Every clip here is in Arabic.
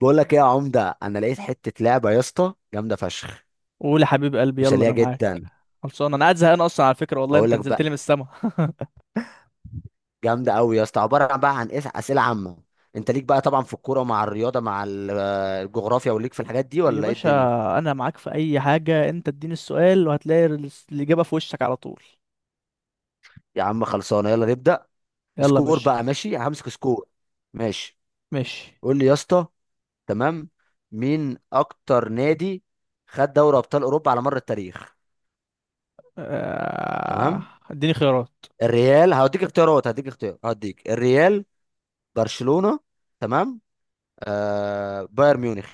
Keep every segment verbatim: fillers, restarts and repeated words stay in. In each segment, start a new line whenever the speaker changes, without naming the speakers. بقول لك ايه يا عمده؟ انا لقيت حته لعبه يا اسطى جامده فشخ
قول يا حبيب قلبي، يلا
وسليه
انا معاك.
جدا.
خلصان، انا قاعد زهقان اصلا على فكره. والله
اقول
انت
لك
نزلت لي من
بقى،
السما
جامده قوي يا اسطى. عباره بقى عن إيه؟ اسئله عامه. انت ليك بقى طبعا في الكوره، مع الرياضه، مع ال- آه، الجغرافيا، وليك في الحاجات دي
يا
ولا ايه
باشا.
الدنيا؟
انا معاك في اي حاجه، انت اديني السؤال وهتلاقي ال- الاجابه في وشك على طول.
يا عم خلصانه، يلا نبدا.
يلا يا
سكور
باشا
بقى، ماشي همسك سكور. ماشي،
ماشي.
قول لي يا اسطى. تمام، مين اكتر نادي خد دوري ابطال اوروبا على مر التاريخ؟
آه،
تمام،
اديني خيارات.
الريال هوديك اختيارات، هديك اختيار، هديك الريال، برشلونه، تمام، آه بايرن ميونخ.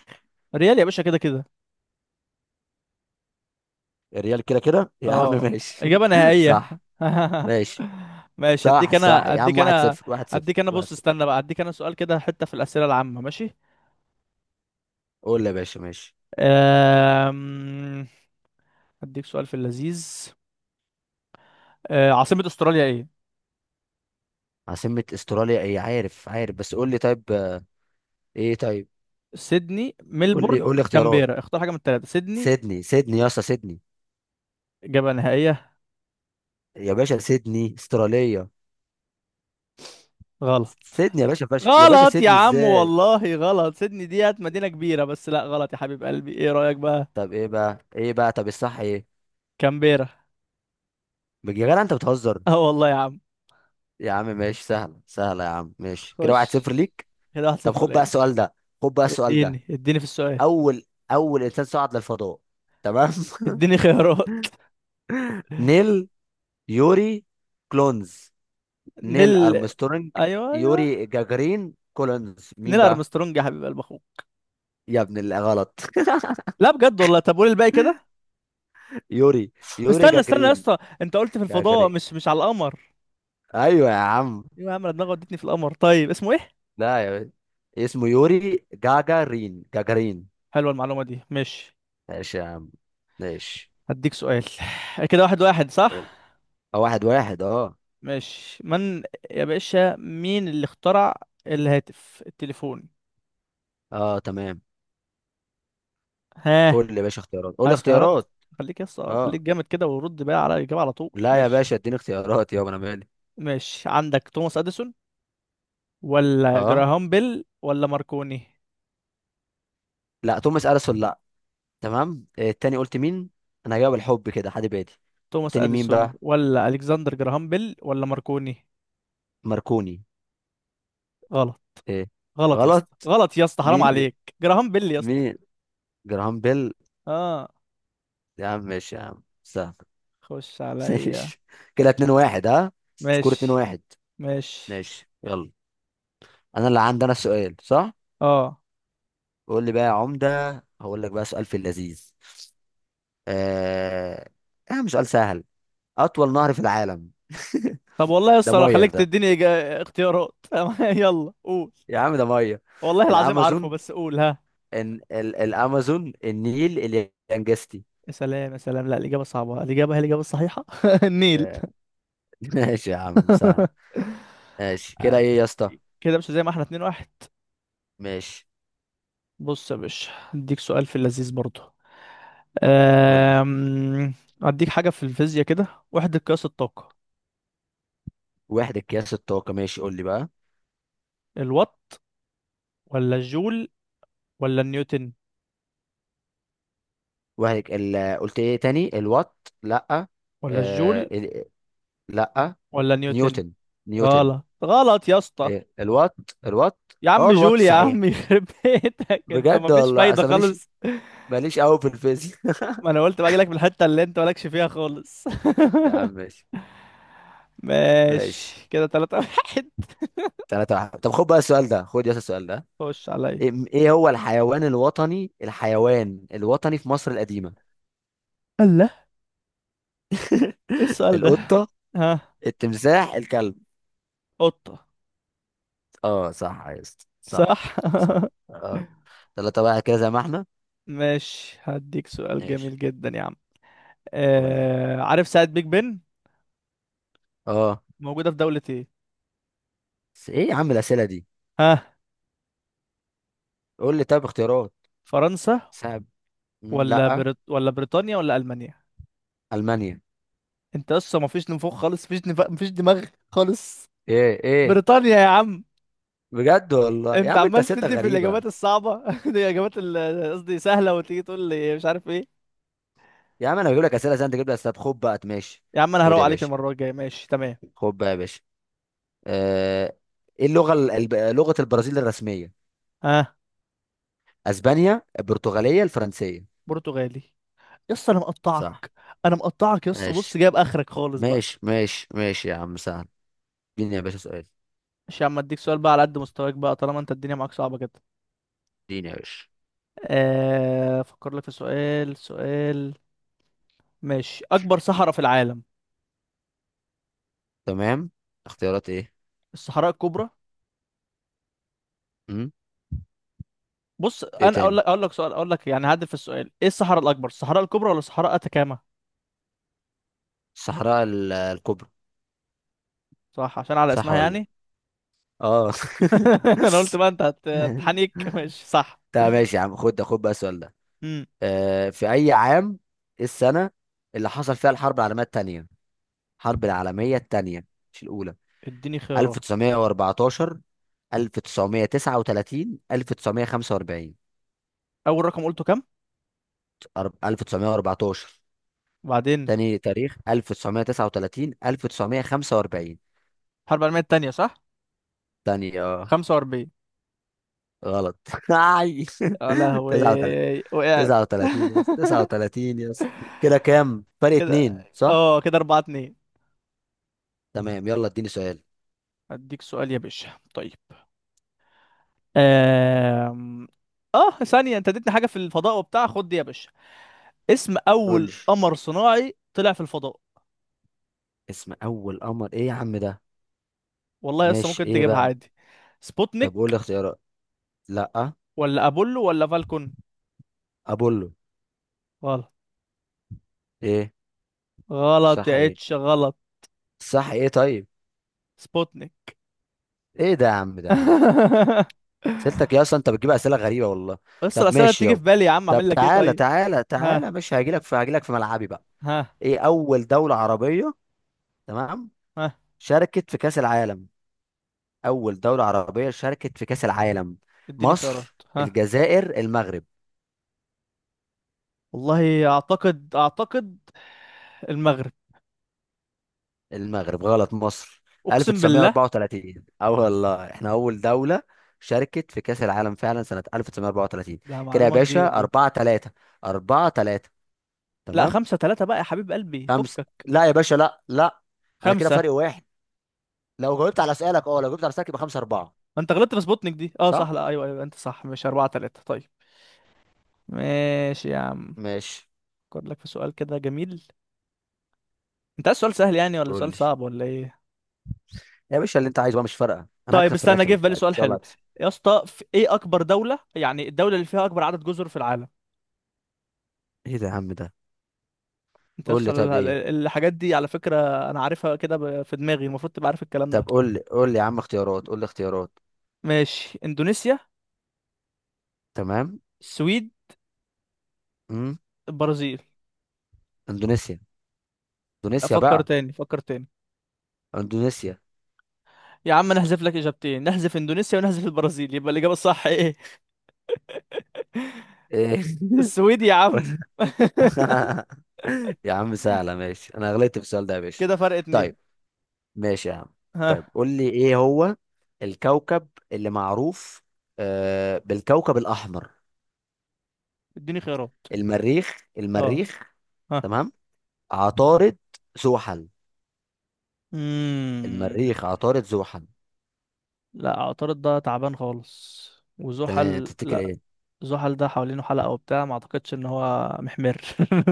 ريال يا باشا، كده كده.
الريال كده كده يا عم،
اه،
ماشي
اجابه نهائيه.
صح. ماشي.
ماشي.
صح
اديك
صح
انا
يا عم،
اديك
واحد
انا
صفر، واحد صفر،
اديك انا
واحد
بص،
صفر.
استنى بقى، اديك انا سؤال كده حته في الاسئله العامه. ماشي.
قول لي يا باشا، ماشي.
آم، اديك سؤال في اللذيذ. آه، عاصمه استراليا ايه؟
عاصمة استراليا ايه؟ عارف عارف، بس قول لي طيب آه، ايه طيب.
سيدني،
قول لي،
ملبورن،
قول لي اختيارات.
كامبيرا. اختار حاجة من التلاتة. سيدني،
سيدني، سيدني يا اسطى سيدني.
إجابة نهائية.
يا باشا سيدني استراليا.
غلط.
سيدني يا باشا فش... يا باشا
غلط يا
سيدني
عم
ازاي؟
والله غلط. سيدني ديت مدينة كبيرة بس لا، غلط يا حبيب قلبي. ايه رأيك بقى؟
طب ايه بقى، ايه بقى، طب الصح ايه؟
كامبيرا.
يا جدع انت بتهزر.
اه والله يا عم.
يا عم ماشي، سهلة سهلة يا عم، ماشي كده واحد صفر
خش،
ليك.
كده واحد
طب
صفر
خد بقى
ليا.
السؤال ده، خد بقى السؤال ده.
اديني، اديني في السؤال.
اول اول انسان صعد للفضاء. تمام.
اديني خيارات.
نيل، يوري، كلونز، نيل
نيل.
ارمسترونج.
ايوه ايوه،
يوري جاجرين، كولونز، مين
نيل
بقى؟
ارمسترونج يا حبيب قلب اخوك.
يا ابن اللي غلط.
لا بجد والله. طب قول الباقي كده.
يوري، يوري
استنى استنى يا
جاجرين،
اسطى، انت قلت في الفضاء،
جاجرين.
مش مش على القمر.
ايوه يا عم.
ايوه يا عم، أنا دماغي ودتني في القمر. طيب اسمه ايه؟
لا يا باشا. اسمه يوري جاجارين جاجارين.
حلوه المعلومه دي، ماشي.
ماشي يا عم، ماشي.
هديك سؤال. آه، كده واحد واحد، صح.
قول. اه، واحد واحد، اه.
ماشي. من، يا باشا، مين اللي اخترع الهاتف، التليفون؟
اه تمام.
ها؟
قول لي يا باشا اختيارات، قول لي
عايز خيارات؟
اختيارات.
خليك يس، خليك
اه،
جامد كده ورد بقى على الإجابة على طول.
لا يا
ماشي،
باشا، اديني اختيارات يابا، انا مالي.
ماشي عندك توماس أديسون، ولا
اه،
جراهام بيل، ولا ماركوني.
لا توماس اديسون لا. تمام، آه، التاني قلت مين؟ انا هجاوب الحب كده، حد بادي.
توماس
التاني مين
أديسون،
بقى؟
ولا ألكسندر جراهام بيل، ولا ماركوني.
ماركوني.
غلط.
ايه؟
غلط يا
غلط؟
اسطى، غلط يا اسطى، حرام
مين؟
عليك. جراهام بيل يا اسطى.
مين؟ جراهام بيل.
اه.
يا عم ماشي، يا عم سهل.
خش عليا.
ماشي، كده اتنين واحد، ها سكور اتنين
ماشي،
واحد.
ماشي.
ماشي، يلا. انا اللي عندي انا السؤال، صح.
اه
قول لي بقى يا عمدة، هقول لك بقى سؤال في اللذيذ. آه... يا عم سؤال سهل. اطول نهر في العالم.
طب والله يا
ده
اسطى لو
ميه
خليك
ده،
تديني إجا- اختيارات. يلا قول.
يا عم ده ميه.
والله العظيم عارفه
الامازون،
بس قول. ها،
إن ال... الامازون، النيل، اليانجستي.
يا سلام يا سلام. لا الإجابة صعبة، الإجابة هي الإجابة الصحيحة. النيل.
آه، ماشي يا عم، سهل. ماشي، كده ايه يا اسطى؟
كده مش زي ما احنا، اتنين واحد.
ماشي،
بص يا باشا، اديك سؤال في اللذيذ برضه.
قول لي.
أم... اديك حاجة في الفيزياء كده، وحدة قياس الطاقة.
وحدة قياس الطاقة، ماشي قول لي بقى.
الوات، ولا الجول، ولا النيوتن.
وحدة ال... قلت ايه تاني؟ الوات، لا.
ولا
آه...
الجول،
ال... لا.
ولا نيوتن.
نيوتن، نيوتن.
غلط. غلط يا اسطى.
إيه؟ الوات. الوات.
يا
اه
عم
الوات
جولي يا
صحيح.
عم. يخرب بيتك، انت
بجد
مفيش
والله،
فايدة
اصل ماليش،
خالص.
ماليش قوي في الفيزياء.
ما انا قلت باجي لك من الحتة اللي انت مالكش فيها خالص.
يا عم ماشي. ماشي.
ماشي، كده تلاتة واحد.
ثلاثة واحد. طب خد بقى السؤال ده، خد يا اسطى السؤال ده.
خش عليا.
إم- ايه هو الحيوان الوطني، الحيوان الوطني في مصر القديمة؟
الله، ايه السؤال ده؟
القطة،
ها،
التمساح، الكلب.
قطة.
اه صح يا اسطى،
صح.
صح. صح. اه. تلاتة بقى، كده زي ما احنا.
ماشي، هديك سؤال
ماشي.
جميل جدا يا عم.
قول لي.
آه... عارف ساعة بيج بن
اه،
موجودة في دولة ايه؟
بس ايه يا عم الأسئلة دي؟
ها،
قول لي طب اختيارات.
فرنسا،
ساب، مم،
ولا
لا.
بريط... ولا بريطانيا، ولا ألمانيا.
ألمانيا.
انت لسه مفيش نفوخ خالص، مفيش نف... مفيش دماغ خالص.
ايه؟ ايه؟
بريطانيا يا عم.
بجد والله يا
انت
عم، انت
عمال
أسئلتك
تدي في
غريبة.
الاجابات الصعبه. دي اجابات ال- قصدي سهله وتيجي تقول لي مش عارف ايه.
يا عم انا بجيب لك أسئلة زي انت جبت. طب خد بقى، ماشي.
يا عم انا
خد
هروق
يا
عليك
باشا،
المره الجايه، ماشي تمام؟
خد بقى يا باشا. آه، ايه اللغة ال- الب- لغة البرازيل الرسمية؟
ها،
اسبانيا، البرتغاليه، الفرنسيه.
برتغالي. يا اسطى انا
صح.
مقطعك، انا مقطعك يا اسطى.
ماشي
بص جايب اخرك خالص بقى.
ماشي ماشي، ماشي يا عم سهل. اديني يا باشا سؤال.
مش يا عم، اديك سؤال بقى على قد مستواك بقى، طالما انت الدنيا معاك صعبه كده.
اديني يا باشا.
آه، افكر لك في سؤال، سؤال. ماشي، اكبر صحراء في العالم.
تمام. اختيارات ايه؟
الصحراء الكبرى.
امم.
بص
ايه
انا اقول
تاني؟
لك اقول لك سؤال اقول لك يعني هعدل في السؤال، ايه الصحراء الاكبر، الصحراء الكبرى ولا صحراء اتاكاما؟
الصحراء ال- الكبرى.
صح، عشان على
صح
اسمها
ولا إيه؟
يعني.
اه.
انا قلت بقى انت هت- هتحنك. ماشي صح.
طب ماشي يا عم، خد، خد بقى السؤال ده.
امم،
آه، في اي عام، إيه السنه اللي حصل فيها الحرب العالميه الثانيه؟ الحرب العالميه الثانيه، مش الاولى.
اديني خيارات.
ألف وتسعمئة وأربعة عشر، الف وتسعمية وتسعة وتلاتين، الف وتسعمية وخمسة واربعين.
اول رقم قلته كام؟
أرب- ألف وتسعمئة وأربعة عشر.
وبعدين؟
تاني تاريخ الف وتسعمية وتسعة وتلاتين، الف وتسعمية وخمسة واربعين.
الحرب العالميه التانيه، صح.
تاني اه.
خمسة وأربعين.
غلط. أي.
يا
تسعة وتلاتين،
لهوي، وقعت.
تسعة وتلاتين يس، تسعة وتلاتين يس. كده كام؟ فرق
كده
اتنين صح.
اه، كده أربعة اتنين.
تمام، يلا اديني سؤال.
اديك سؤال يا باشا، طيب. أم... اه، ثانيه، انت اديتني حاجه في الفضاء وبتاع. خد دي يا باشا، اسم
قول لي.
اول قمر صناعي طلع في الفضاء.
اسم اول قمر ايه يا عم ده؟
والله لسه
ماشي،
ممكن
ايه
تجيبها
بقى؟
عادي.
طب قول لي
سبوتنيك،
اختيارات. لا.
ولا ابولو، ولا فالكون.
ابولو.
غلط.
ايه؟
غلط
صح
يا
ايه؟
اتش، غلط.
صح ايه طيب؟
سبوتنيك.
ايه ده يا عم ده، يا عم سيرتك، يا اصلا انت بتجيب اسئله غريبه والله.
بس
طب
الاسئله
ماشي
بتيجي في
يابا.
بالي يا عم،
طب
اعمل لك ايه
تعالى
طيب؟
تعالى
ها،
تعالى ماشي، هجيلك في، هجيلك في ملعبي بقى.
ها،
ايه اول دوله عربيه؟ تمام.
ها،
شاركت في كاس العالم. اول دوله عربيه شاركت في كاس العالم؟
اديني
مصر،
خيارات. ها،
الجزائر، المغرب.
والله اعتقد، اعتقد المغرب.
المغرب غلط، مصر.
اقسم بالله.
الف وتسعمية واربعة وتلاتين، اه والله احنا اول دوله شاركت في كاس العالم فعلا سنه الف وتسعمية واربعة وتلاتين.
ده
كده يا
معلومه
باشا
جديده دي.
اربعة تلاتة، اربعة تلاتة.
لا،
تمام.
خمسة ثلاثة بقى يا حبيب قلبي،
خمسة؟
فكك.
لا يا باشا، لا لا. انا كده
خمسة.
فرق واحد. لو جاوبت على سؤالك، اه لو جاوبت على سؤالك يبقى خمسة أربعة.
ما انت غلطت في سبوتنيك دي. اه صح،
صح.
لا ايوه ايوه، انت صح، مش أربعة ثلاثة. طيب ماشي يا عم.
ماشي.
افكر لك في سؤال كده جميل. انت عايز سؤال سهل يعني، ولا
قول
سؤال
لي
صعب، ولا ايه؟
يا باشا، اللي انت عايزه بقى، مش فارقة، انا
طيب
هكسب في
استنى،
الاخر
جه في بالي
ان
سؤال
شاء الله
حلو.
هكسب.
يا اسطى، في ايه اكبر دولة، يعني الدولة اللي فيها اكبر عدد جزر في العالم؟
ايه ده يا عم ده؟
انت
قول
بس
لي
ال-
طب
ال-
ايه.
الحاجات دي على فكرة انا عارفها كده ب- في دماغي، المفروض تبقى عارف الكلام
طب
ده.
قول لي، قول لي يا عم اختيارات، قول لي اختيارات.
ماشي، اندونيسيا،
تمام.
السويد،
امم.
البرازيل.
اندونيسيا، اندونيسيا
افكر
بقى،
تاني، فكر تاني.
اندونيسيا.
يا عم نحذف لك اجابتين، نحذف اندونيسيا ونحذف البرازيل، يبقى الاجابة الصح ايه؟
ايه؟
السويد يا عم.
يا عم سهلة، ماشي انا غلطت في السؤال ده يا باشا.
كده فرق اتنين.
طيب. ماشي يا عم. طيب
ها،
قول لي، ايه هو الكوكب اللي معروف آه بالكوكب الاحمر؟
اديني خيارات.
المريخ،
اه.
المريخ.
ها.
تمام. عطارد، زحل.
مم.
المريخ، عطارد، زحل.
لا اعترض، ده تعبان خالص.
تمام،
وزحل
تفتكر
لا،
ايه؟
زحل ده حوالينه حلقة وبتاع، ما اعتقدش ان هو محمر.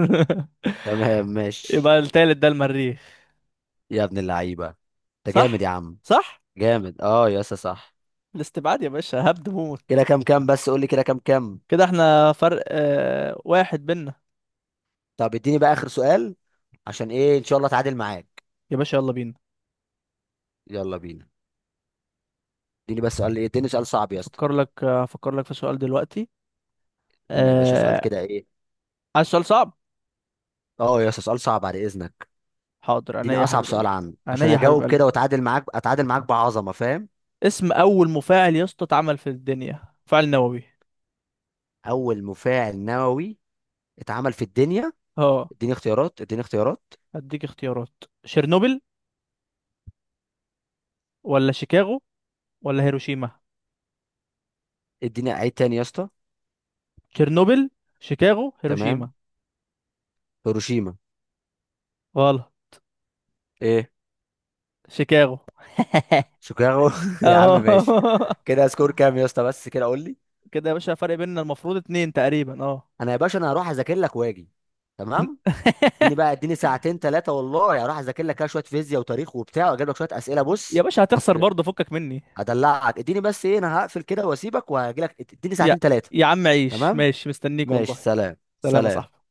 تمام ماشي.
يبقى التالت ده المريخ.
يا ابن اللعيبه، انت جامد
صح،
يا عم.
صح.
جامد اه يا اسطى صح.
الاستبعاد يا باشا هبد موت.
كده كام كام بس، قول لي كده كام كام.
كده احنا فرق آه واحد بينا.
طب اديني بقى اخر سؤال، عشان ايه ان شاء الله اتعادل معاك.
يا باشا يلا بينا.
يلا بينا. اديني بس سؤال، ايه اديني سؤال صعب يا اسطى.
افكر لك افكر لك في سؤال دلوقتي.
اديني يا باشا سؤال
آه.
كده، ايه.
عايز سؤال صعب.
اه يا اسطى سؤال صعب بعد اذنك.
حاضر، عينيا
اديني
يا
اصعب
حبيب قلبي.
سؤال عنه،
عينيا
عشان
يا حبيب
اجاوب
قلبي.
كده واتعادل معاك، اتعادل معاك بعظمه، فاهم.
اسم اول مفاعل يا اسطى اتعمل في الدنيا، مفاعل نووي.
اول مفاعل نووي اتعمل في الدنيا.
اه.
اديني اختيارات، اديني اختيارات.
هديك اختيارات، شيرنوبل، ولا شيكاغو، ولا هيروشيما.
اديني عيد تاني يا اسطى.
تشيرنوبل، شيكاغو، هيروشيما.
تمام. هيروشيما.
غلط.
ايه؟
شيكاغو.
شيكاغو. يا عم ماشي.
اه.
كده سكور كام يا اسطى؟ بس كده قول لي.
كده يا باشا فرق بيننا المفروض اتنين تقريبا، اه.
انا يا باشا انا هروح اذاكر لك واجي. تمام. اديني بقى، اديني ساعتين ثلاثه والله، هروح اذاكر لك كده شويه فيزياء وتاريخ وبتاع، واجيب لك شويه اسئله
يا
بص.
باشا هتخسر برضه، فكك مني.
هدلعك، اديني بس ايه، انا هقفل كده واسيبك وهجي لك، اديني
يا
ساعتين ثلاثه.
يا عم عيش،
تمام
ماشي مستنيك
ماشي،
والله.
سلام
سلام يا صاحبي.
سلام.